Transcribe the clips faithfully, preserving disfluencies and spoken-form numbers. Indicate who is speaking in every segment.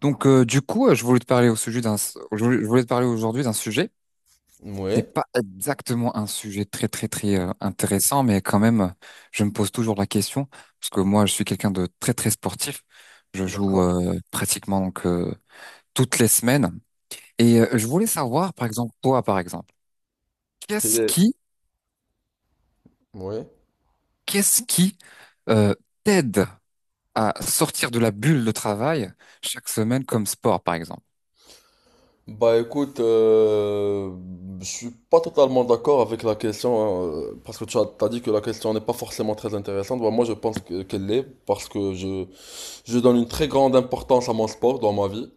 Speaker 1: Donc, euh, du coup, euh, je voulais te parler au sujet d'un, je voulais je voulais te parler aujourd'hui d'un sujet. C'est
Speaker 2: Ouais,
Speaker 1: pas exactement un sujet très, très, très euh, intéressant, mais quand même, euh, je me pose toujours la question parce que moi, je suis quelqu'un de très, très sportif. Je joue
Speaker 2: d'accord.
Speaker 1: euh, pratiquement donc euh, toutes les semaines. Et euh, je voulais savoir, par exemple, toi, par exemple, qu'est-ce
Speaker 2: Et-
Speaker 1: qui,
Speaker 2: ouais.
Speaker 1: qu'est-ce qui euh, t'aide à sortir de la bulle de travail chaque semaine comme sport, par exemple?
Speaker 2: Bah écoute, euh, je suis pas totalement d'accord avec la question, hein, parce que tu as, t'as dit que la question n'est pas forcément très intéressante. Bah, moi je pense que- qu'elle l'est, parce que je, je donne une très grande importance à mon sport dans ma vie.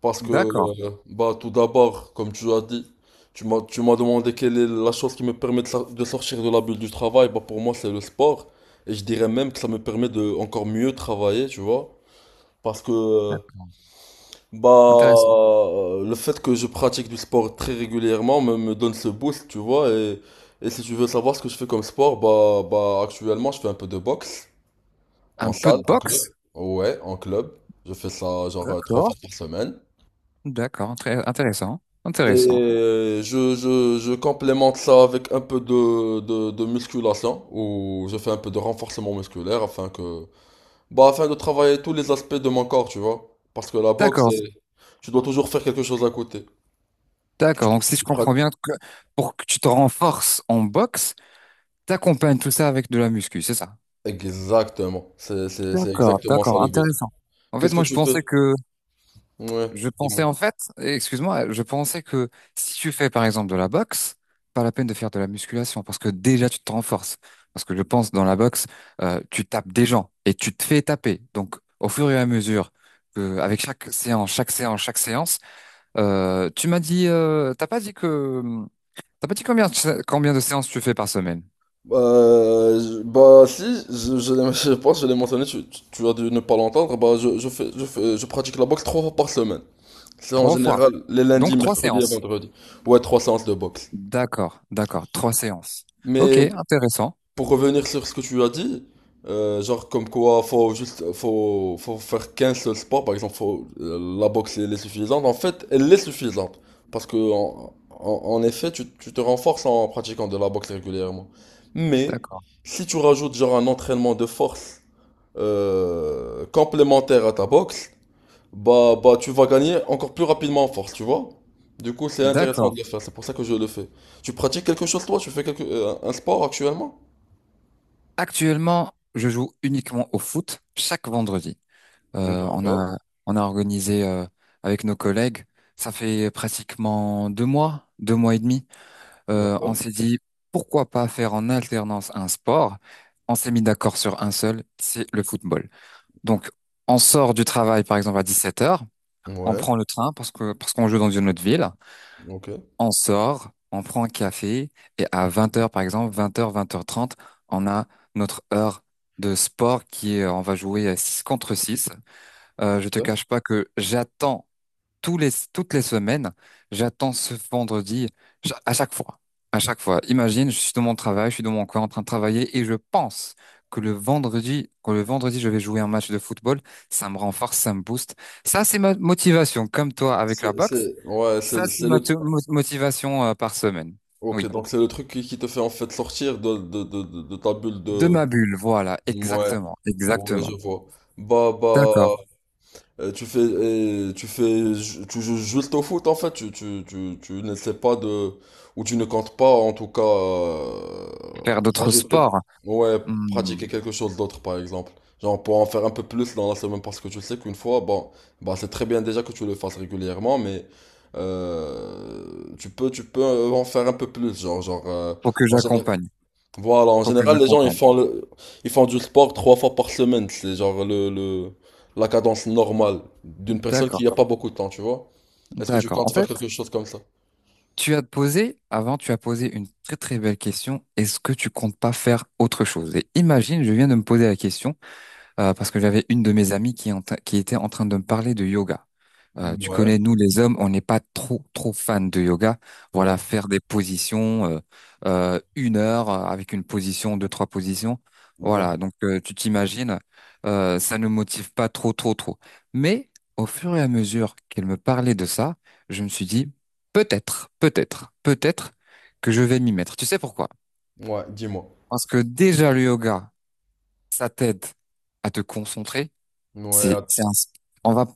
Speaker 2: Parce que,
Speaker 1: D'accord,
Speaker 2: euh, bah tout d'abord, comme tu as dit, tu m'as, tu m'as demandé quelle est la chose qui me permet de, sor- de sortir de la bulle du travail. Bah pour moi c'est le sport, et je dirais même que ça me permet de encore mieux travailler, tu vois. Parce que euh, Bah,
Speaker 1: intéressant.
Speaker 2: euh, le fait que je pratique du sport très régulièrement me, me donne ce boost, tu vois. Et, et si tu veux savoir ce que je fais comme sport, bah, bah, actuellement, je fais un peu de boxe
Speaker 1: Un
Speaker 2: en
Speaker 1: peu
Speaker 2: salle,
Speaker 1: de
Speaker 2: en club.
Speaker 1: boxe?
Speaker 2: Ouais, en club. Je fais ça genre euh, trois fois par semaine.
Speaker 1: D'accord, très intéressant,
Speaker 2: Et
Speaker 1: intéressant.
Speaker 2: je, je, je complémente ça avec un peu de, de, de musculation, où je fais un peu de renforcement musculaire afin que, bah, afin de travailler tous les aspects de mon corps, tu vois. Parce que la boxe,
Speaker 1: D'accord,
Speaker 2: c'est- tu dois toujours faire quelque chose à côté. Tu,
Speaker 1: d'accord. Donc si je
Speaker 2: tu
Speaker 1: comprends
Speaker 2: pra-
Speaker 1: bien, que pour que tu te renforces en boxe, t'accompagnes tout ça avec de la muscu, c'est ça?
Speaker 2: Exactement, c'est c'est- c'est
Speaker 1: D'accord,
Speaker 2: exactement ça
Speaker 1: d'accord,
Speaker 2: le but.
Speaker 1: intéressant. En fait,
Speaker 2: Qu'est-ce que
Speaker 1: moi je
Speaker 2: tu fais?
Speaker 1: pensais que,
Speaker 2: Ouais,
Speaker 1: je
Speaker 2: dis-moi.
Speaker 1: pensais en fait, excuse-moi, je pensais que si tu fais par exemple de la boxe, pas la peine de faire de la musculation parce que déjà tu te renforces. Parce que je pense dans la boxe, euh, tu tapes des gens et tu te fais taper. Donc au fur et à mesure que, avec chaque séance, chaque séance, chaque séance. Euh, tu m'as dit, euh, t'as pas dit que, t'as pas dit combien, de- combien de séances tu fais par semaine?
Speaker 2: Euh, je- bah si, je, je, l'ai- je pense que je l'ai mentionné, tu, tu- tu as dû ne pas l'entendre, bah je, je fais, je fais, je pratique la boxe trois fois par semaine. C'est en
Speaker 1: Trois fois.
Speaker 2: général les lundis,
Speaker 1: Donc trois
Speaker 2: mercredis et
Speaker 1: séances.
Speaker 2: vendredis. Ouais, trois séances de boxe.
Speaker 1: D'accord, d'accord, trois séances. Ok,
Speaker 2: Mais
Speaker 1: intéressant.
Speaker 2: pour revenir sur ce que tu as dit, euh, genre comme quoi faut juste faut, faut faire qu'un seul sport, par exemple faut, euh, la boxe elle est suffisante, en fait elle est suffisante. Parce que en, en- en effet tu, tu te renforces en pratiquant de la boxe régulièrement. Mais
Speaker 1: D'accord,
Speaker 2: si tu rajoutes genre un entraînement de force euh, complémentaire à ta boxe, bah, bah tu vas gagner encore plus rapidement en force, tu vois? Du coup c'est intéressant
Speaker 1: d'accord.
Speaker 2: de le faire, c'est pour ça que je le fais. Tu pratiques quelque chose toi? Tu fais quelque, euh, un sport actuellement?
Speaker 1: Actuellement, je joue uniquement au foot chaque vendredi. Euh, on
Speaker 2: D'accord.
Speaker 1: a, on a organisé euh, avec nos collègues. Ça fait pratiquement deux mois, deux mois et demi. Euh, on
Speaker 2: D'accord.
Speaker 1: s'est dit pourquoi pas faire en alternance un sport. On s'est mis d'accord sur un seul, c'est le football. Donc, on sort du travail, par exemple, à dix-sept heures, on
Speaker 2: Ouais,
Speaker 1: prend le train parce que, parce qu'on joue dans une autre ville,
Speaker 2: ok.
Speaker 1: on sort, on prend un café, et à vingt heures par exemple, vingt heures vingt heures trente, on a notre heure de sport qui est, on va jouer à six contre six. Euh, je te
Speaker 2: Ok.
Speaker 1: cache pas que j'attends tous les, toutes les semaines, j'attends ce vendredi ch- à chaque fois. À chaque fois. Imagine, je suis dans mon travail, je suis dans mon coin en train de travailler et je pense que le vendredi, que le vendredi, je vais jouer un match de football. Ça me renforce, ça me booste. Ça, c'est ma motivation, comme toi avec la
Speaker 2: C'est,
Speaker 1: boxe.
Speaker 2: c'est, ouais,
Speaker 1: Ça,
Speaker 2: c'est,
Speaker 1: c'est
Speaker 2: c'est le,
Speaker 1: ma to- mo- motivation euh, par semaine.
Speaker 2: ok,
Speaker 1: Oui.
Speaker 2: donc c'est le truc qui, qui te fait en fait sortir de, de, de, de de ta bulle
Speaker 1: De
Speaker 2: de,
Speaker 1: ma bulle, voilà,
Speaker 2: ouais,
Speaker 1: exactement,
Speaker 2: ouais, je
Speaker 1: exactement.
Speaker 2: vois. Bah, bah,
Speaker 1: D'accord.
Speaker 2: Euh, tu fais, et tu fais, ju- tu joues juste au foot en fait, tu, tu, tu, tu n'essaies pas de, ou tu ne comptes pas en tout cas euh,
Speaker 1: Faire d'autres
Speaker 2: rajouter,
Speaker 1: sports,
Speaker 2: ouais,
Speaker 1: hmm,
Speaker 2: pratiquer quelque chose d'autre par exemple. Genre pour en faire un peu plus dans la semaine parce que tu sais qu'une fois, bon, bah c'est très bien déjà que tu le fasses régulièrement, mais euh, tu peux, tu peux en faire un peu plus, genre, genre, euh,
Speaker 1: faut que
Speaker 2: en général.
Speaker 1: j'accompagne,
Speaker 2: Voilà, en
Speaker 1: faut que
Speaker 2: général, les gens ils
Speaker 1: j'accompagne.
Speaker 2: font le, ils font du sport trois fois par semaine. C'est genre le, le- la cadence normale d'une personne
Speaker 1: D'accord,
Speaker 2: qui n'a pas beaucoup de temps, tu vois. Est-ce que tu
Speaker 1: d'accord. En
Speaker 2: comptes faire
Speaker 1: fait,
Speaker 2: quelque chose comme ça?
Speaker 1: tu as posé, avant, tu as posé une très très belle question. Est-ce que tu comptes pas faire autre chose? Et imagine, je viens de me poser la question euh, parce que j'avais une de mes amies qui, est en train- qui était en train de me parler de yoga. Euh, tu
Speaker 2: Ouais,
Speaker 1: connais, nous les hommes, on n'est pas trop trop fans de yoga. Voilà,
Speaker 2: ouais,
Speaker 1: faire des positions euh, euh, une heure euh, avec une position, deux, trois positions. Voilà,
Speaker 2: ouais,
Speaker 1: donc euh, tu t'imagines, euh, ça ne motive pas trop trop trop. Mais au fur et à mesure qu'elle me parlait de ça, je me suis dit peut-être, peut-être, peut-être que je vais m'y mettre. Tu sais pourquoi?
Speaker 2: ouais, dis-moi.
Speaker 1: Parce que déjà le yoga, ça t'aide à te concentrer.
Speaker 2: Ouais,
Speaker 1: C'est,
Speaker 2: att-
Speaker 1: c'est un, on va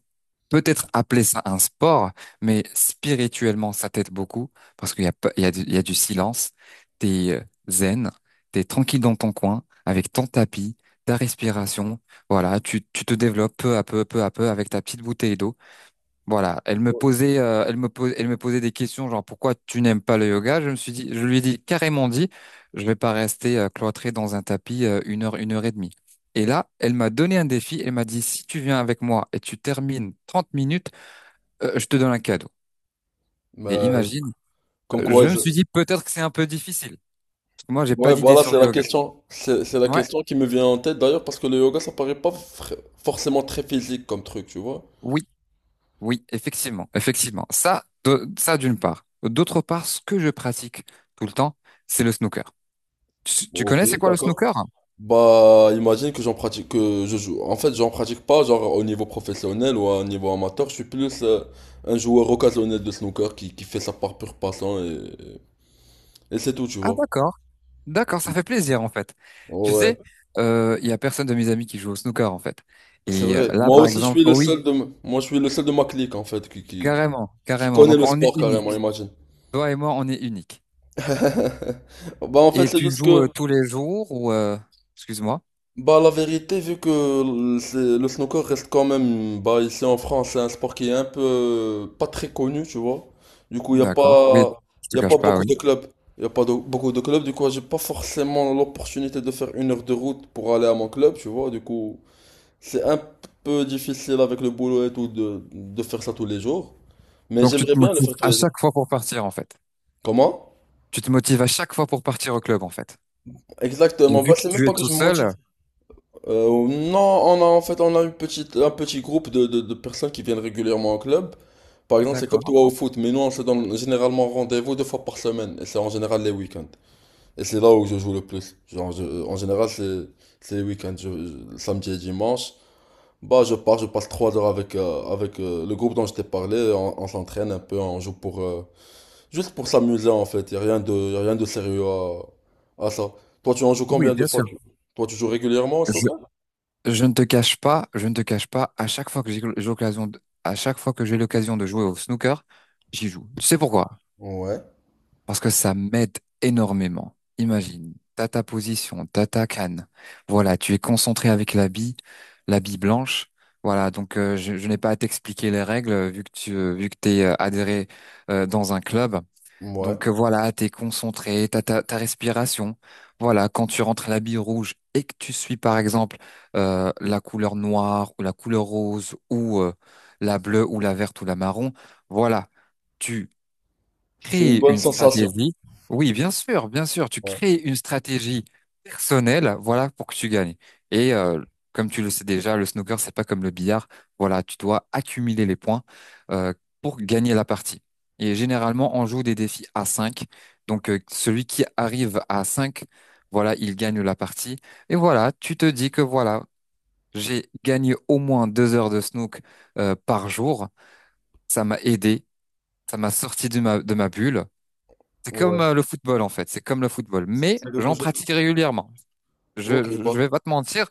Speaker 1: peut-être appeler ça un sport, mais spirituellement, ça t'aide beaucoup parce qu'il y a, pas- il y a du, il y a du silence. T'es euh, zen, t'es tranquille dans ton coin avec ton tapis, ta respiration. Voilà, tu, tu te développes peu à peu, peu à peu avec ta petite bouteille d'eau. Voilà, elle me posait, euh, elle me posait, elle me posait des questions genre pourquoi tu n'aimes pas le yoga? Je me suis dit, je lui ai dit carrément dit, je vais pas rester euh, cloîtré dans un tapis euh, une heure, une heure et demie. Et là, elle m'a donné un défi. Elle m'a dit si tu viens avec moi et tu termines trente minutes, euh, je te donne un cadeau. Et
Speaker 2: euh,
Speaker 1: imagine,
Speaker 2: comme
Speaker 1: euh,
Speaker 2: quoi,
Speaker 1: je me
Speaker 2: je-
Speaker 1: suis dit peut-être que c'est un peu difficile. Parce que moi, j'ai pas
Speaker 2: ouais,
Speaker 1: d'idée
Speaker 2: voilà,
Speaker 1: sur
Speaker 2: c'est
Speaker 1: le
Speaker 2: la
Speaker 1: yoga.
Speaker 2: question. C'est c'est la
Speaker 1: Ouais,
Speaker 2: question qui me vient en tête d'ailleurs parce que le yoga ça paraît pas fr- forcément très physique comme truc, tu vois.
Speaker 1: oui, oui, effectivement, effectivement. Ça, de- ça d'une part. D'autre part, ce que je pratique tout le temps, c'est le snooker. Tu, tu
Speaker 2: Ok,
Speaker 1: connais c'est quoi le
Speaker 2: d'accord.
Speaker 1: snooker?
Speaker 2: Bah, imagine que j'en pratique, que je joue. En fait, j'en pratique pas, genre au niveau professionnel ou à un niveau amateur. Je suis plus euh, un joueur occasionnel de snooker qui, qui fait ça par pur passion et, et c'est tout, tu
Speaker 1: Ah
Speaker 2: vois.
Speaker 1: d'accord, d'accord, ça
Speaker 2: Tu-
Speaker 1: fait plaisir en fait. Tu
Speaker 2: Ouais,
Speaker 1: sais, euh, il y a personne de mes amis qui joue au snooker en fait.
Speaker 2: c'est
Speaker 1: Et euh,
Speaker 2: vrai.
Speaker 1: là
Speaker 2: Moi
Speaker 1: par
Speaker 2: aussi, je
Speaker 1: exemple,
Speaker 2: suis le
Speaker 1: oh
Speaker 2: seul
Speaker 1: oui,
Speaker 2: de, m- moi, je suis le seul de ma clique, en fait, qui, qui,
Speaker 1: carrément,
Speaker 2: qui
Speaker 1: carrément.
Speaker 2: connaît
Speaker 1: Donc
Speaker 2: le
Speaker 1: on est
Speaker 2: sport
Speaker 1: unique.
Speaker 2: carrément, imagine.
Speaker 1: Toi et moi, on est unique.
Speaker 2: Bah, en fait,
Speaker 1: Et
Speaker 2: c'est
Speaker 1: tu
Speaker 2: juste
Speaker 1: joues
Speaker 2: que,
Speaker 1: euh, tous les jours ou euh, excuse-moi.
Speaker 2: bah la vérité, vu que le c'est- le snooker reste quand même, bah ici en France, c'est un sport qui est un peu pas très connu, tu vois. Du coup, il n'y a pas,
Speaker 1: D'accord. Oui, je te
Speaker 2: y a pas
Speaker 1: cache pas,
Speaker 2: beaucoup
Speaker 1: oui.
Speaker 2: de clubs. Il a pas de- Beaucoup de clubs, du coup, j'ai pas forcément l'opportunité de faire une heure de route pour aller à mon club, tu vois. Du coup, c'est un peu difficile avec le boulot et tout de, de faire ça tous les jours. Mais
Speaker 1: Donc tu
Speaker 2: j'aimerais
Speaker 1: te
Speaker 2: bien le
Speaker 1: motives
Speaker 2: faire tous
Speaker 1: à
Speaker 2: les jours.
Speaker 1: chaque fois pour partir en fait.
Speaker 2: Comment?
Speaker 1: Tu te motives à chaque fois pour partir au club en fait. Et
Speaker 2: Exactement,
Speaker 1: vu
Speaker 2: bah
Speaker 1: que
Speaker 2: c'est même
Speaker 1: tu es
Speaker 2: pas que
Speaker 1: tout
Speaker 2: je me motive.
Speaker 1: seul,
Speaker 2: Euh, non, on a en fait on a une petite, un petit groupe de, de, de personnes qui viennent régulièrement au club. Par exemple, c'est comme
Speaker 1: d'accord.
Speaker 2: toi au foot, mais nous on se donne généralement rendez-vous deux fois par semaine, et c'est en général les week-ends. Et c'est là où je joue le plus. Genre, je- en général, c'est c'est les week-ends, je- je- samedi et dimanche. Bah, je pars, je passe trois heures avec euh, avec euh, le groupe dont je t'ai parlé. On, on s'entraîne un peu, on joue pour euh, juste pour s'amuser en fait. Y a rien de y a rien de sérieux à, à ça. Toi, tu en joues
Speaker 1: Oui,
Speaker 2: combien de
Speaker 1: bien
Speaker 2: fois?
Speaker 1: sûr.
Speaker 2: tu- Toi, tu joues régulièrement, Stoka?
Speaker 1: Je ne te cache pas, je ne te cache pas, à chaque fois que j'ai j'ai l'occasion de- à chaque fois que j'ai l'occasion de jouer au snooker, j'y joue. Tu sais pourquoi?
Speaker 2: Ouais.
Speaker 1: Parce que ça m'aide énormément. Imagine, t'as ta position, t'as ta canne. Voilà, tu es concentré avec la bille, la bille blanche. Voilà, donc euh, je, je n'ai pas à t'expliquer les règles euh, vu que tu euh, vu que t'es euh, adhéré euh, dans un club.
Speaker 2: Ouais,
Speaker 1: Donc euh, voilà, t'es concentré, t'as ta, ta respiration. Voilà, quand tu rentres à la bille rouge et que tu suis par exemple euh, la couleur noire ou la couleur rose ou euh, la bleue ou la verte ou la marron, voilà, tu
Speaker 2: c'est une
Speaker 1: créer
Speaker 2: bonne
Speaker 1: une
Speaker 2: sensation.
Speaker 1: stratégie. Oui, bien sûr, bien sûr. Tu
Speaker 2: Ouais.
Speaker 1: crées une stratégie personnelle, voilà, pour que tu gagnes. Et euh, comme tu le sais déjà, le snooker, c'est pas comme le billard. Voilà, tu dois accumuler les points euh, pour gagner la partie. Et généralement, on joue des défis à cinq. Donc, euh, celui qui arrive à cinq, voilà, il gagne la partie. Et voilà, tu te dis que voilà, j'ai gagné au moins deux heures de snook euh, par jour. Ça m'a aidé, ça m'a sorti de ma, de ma bulle. C'est comme
Speaker 2: Ouais.
Speaker 1: euh, le football en fait, c'est comme le football. Mais
Speaker 2: C'est quelque
Speaker 1: j'en
Speaker 2: chose que…
Speaker 1: pratique régulièrement.
Speaker 2: Ok,
Speaker 1: Je, je, je
Speaker 2: bah,
Speaker 1: vais pas te mentir,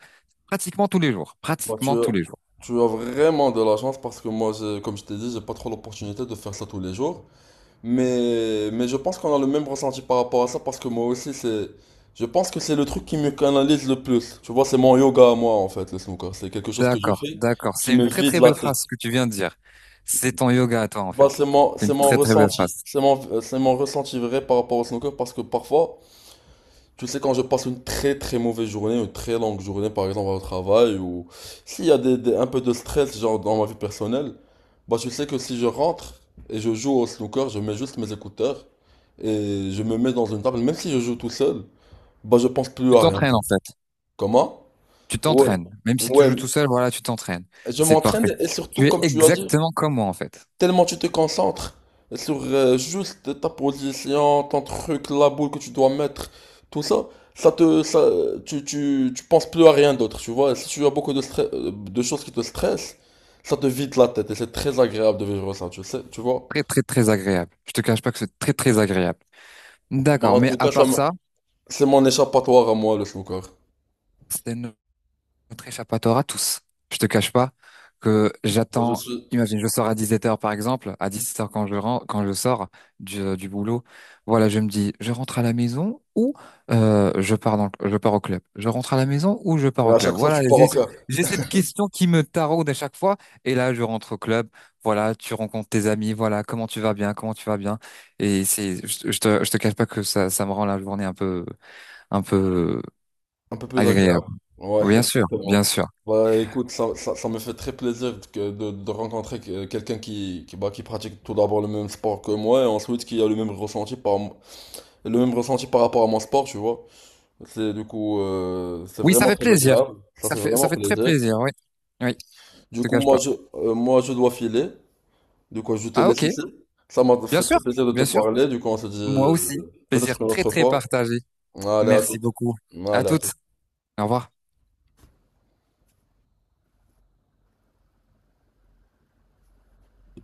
Speaker 1: pratiquement tous les jours,
Speaker 2: bah tu
Speaker 1: pratiquement
Speaker 2: as,
Speaker 1: tous les jours.
Speaker 2: tu as vraiment de la chance parce que moi, j'ai- comme je t'ai dit, j'ai pas trop l'opportunité de faire ça tous les jours. Mais, mais je pense qu'on a le même ressenti par rapport à ça parce que moi aussi, c'est… Je pense que c'est le truc qui me canalise le plus. Tu vois, c'est mon yoga à moi, en fait, le snooker. C'est quelque chose que je
Speaker 1: D'accord,
Speaker 2: fais
Speaker 1: d'accord.
Speaker 2: qui
Speaker 1: C'est
Speaker 2: me
Speaker 1: une très
Speaker 2: vide
Speaker 1: très
Speaker 2: la
Speaker 1: belle
Speaker 2: tête.
Speaker 1: phrase que tu viens de dire. C'est ton yoga à toi en
Speaker 2: Bah,
Speaker 1: fait.
Speaker 2: c'est mon,
Speaker 1: C'est
Speaker 2: c'est
Speaker 1: une
Speaker 2: mon
Speaker 1: très très belle
Speaker 2: ressenti.
Speaker 1: phrase.
Speaker 2: C'est mon, c'est mon ressenti vrai par rapport au snooker parce que parfois, tu sais, quand je passe une très très mauvaise journée, une très longue journée par exemple au travail, ou s'il y a des, des- un peu de stress genre dans ma vie personnelle, bah tu sais que si je rentre et je joue au snooker, je mets juste mes écouteurs et je me mets dans une table, même si je joue tout seul, bah je pense plus
Speaker 1: Tu
Speaker 2: à rien.
Speaker 1: t'entraînes en fait.
Speaker 2: Comment?
Speaker 1: Tu t'entraînes. Même si tu joues tout
Speaker 2: Ouais,
Speaker 1: seul, voilà, tu t'entraînes.
Speaker 2: je
Speaker 1: C'est parfait.
Speaker 2: m'entraîne et surtout
Speaker 1: Tu es
Speaker 2: comme tu as dit,
Speaker 1: exactement comme moi en fait.
Speaker 2: tellement tu te concentres sur euh, juste ta position, ton truc, la boule que tu dois mettre, tout ça, ça te, ça, tu, tu, tu penses plus à rien d'autre, tu vois. Et si tu as beaucoup de stress, euh, de choses qui te stressent, ça te vide la tête et c'est très agréable de vivre ça, tu sais, tu vois.
Speaker 1: Très très très agréable. Je te cache pas que c'est très très agréable.
Speaker 2: Bah,
Speaker 1: D'accord,
Speaker 2: en
Speaker 1: mais
Speaker 2: tout
Speaker 1: à
Speaker 2: cas, ça
Speaker 1: part
Speaker 2: me-
Speaker 1: ça,
Speaker 2: c'est mon échappatoire à moi, le snooker.
Speaker 1: c'est notre échappatoire à tous. Je te cache pas que
Speaker 2: Moi, je
Speaker 1: j'attends,
Speaker 2: suis,
Speaker 1: imagine, je sors à dix-sept heures, par exemple, à dix-sept heures quand je rentre, quand je sors du, euh, du boulot, voilà, je me dis, je rentre à la maison ou euh, je pars dans, le- je pars au club. Je rentre à la maison ou je pars
Speaker 2: et
Speaker 1: au
Speaker 2: à
Speaker 1: club.
Speaker 2: chaque fois,
Speaker 1: Voilà,
Speaker 2: je pars au
Speaker 1: j'ai
Speaker 2: club.
Speaker 1: j'ai cette question qui me taraude à chaque fois. Et là, je rentre au club. Voilà, tu rencontres tes amis. Voilà, comment tu vas bien, comment tu vas bien. Et c'est, je, je te, je te cache pas que ça, ça me rend la journée un peu, un peu
Speaker 2: Un peu plus agréable.
Speaker 1: agréable.
Speaker 2: Ouais,
Speaker 1: Oui, bien sûr, bien
Speaker 2: exactement.
Speaker 1: sûr.
Speaker 2: Bah écoute, ça, ça, ça me fait très plaisir de, que- de- de rencontrer que- quelqu'un qui, qui, bah, qui pratique tout d'abord le même sport que moi et ensuite qui a le même ressenti par, mo- le même ressenti par rapport à mon sport, tu vois. C'est du coup, euh, c'est
Speaker 1: Oui, ça
Speaker 2: vraiment
Speaker 1: fait
Speaker 2: très
Speaker 1: plaisir.
Speaker 2: agréable. Ça
Speaker 1: Ça
Speaker 2: fait
Speaker 1: fait,
Speaker 2: vraiment
Speaker 1: ça fait très
Speaker 2: plaisir.
Speaker 1: plaisir, oui. Oui,
Speaker 2: Du
Speaker 1: je te
Speaker 2: coup,
Speaker 1: cache
Speaker 2: moi
Speaker 1: pas.
Speaker 2: je, euh, moi, je dois filer. Du coup, je te
Speaker 1: Ah,
Speaker 2: laisse
Speaker 1: ok.
Speaker 2: ici. Ça m'a
Speaker 1: Bien
Speaker 2: fait
Speaker 1: sûr,
Speaker 2: très plaisir de te
Speaker 1: bien sûr.
Speaker 2: parler. Du coup, on se dit
Speaker 1: Moi aussi.
Speaker 2: euh,
Speaker 1: Plaisir
Speaker 2: peut-être une
Speaker 1: très,
Speaker 2: autre
Speaker 1: très
Speaker 2: fois.
Speaker 1: partagé.
Speaker 2: Allez, à
Speaker 1: Merci
Speaker 2: toute.
Speaker 1: beaucoup. À
Speaker 2: Allez, à
Speaker 1: toutes.
Speaker 2: toute.
Speaker 1: Au revoir.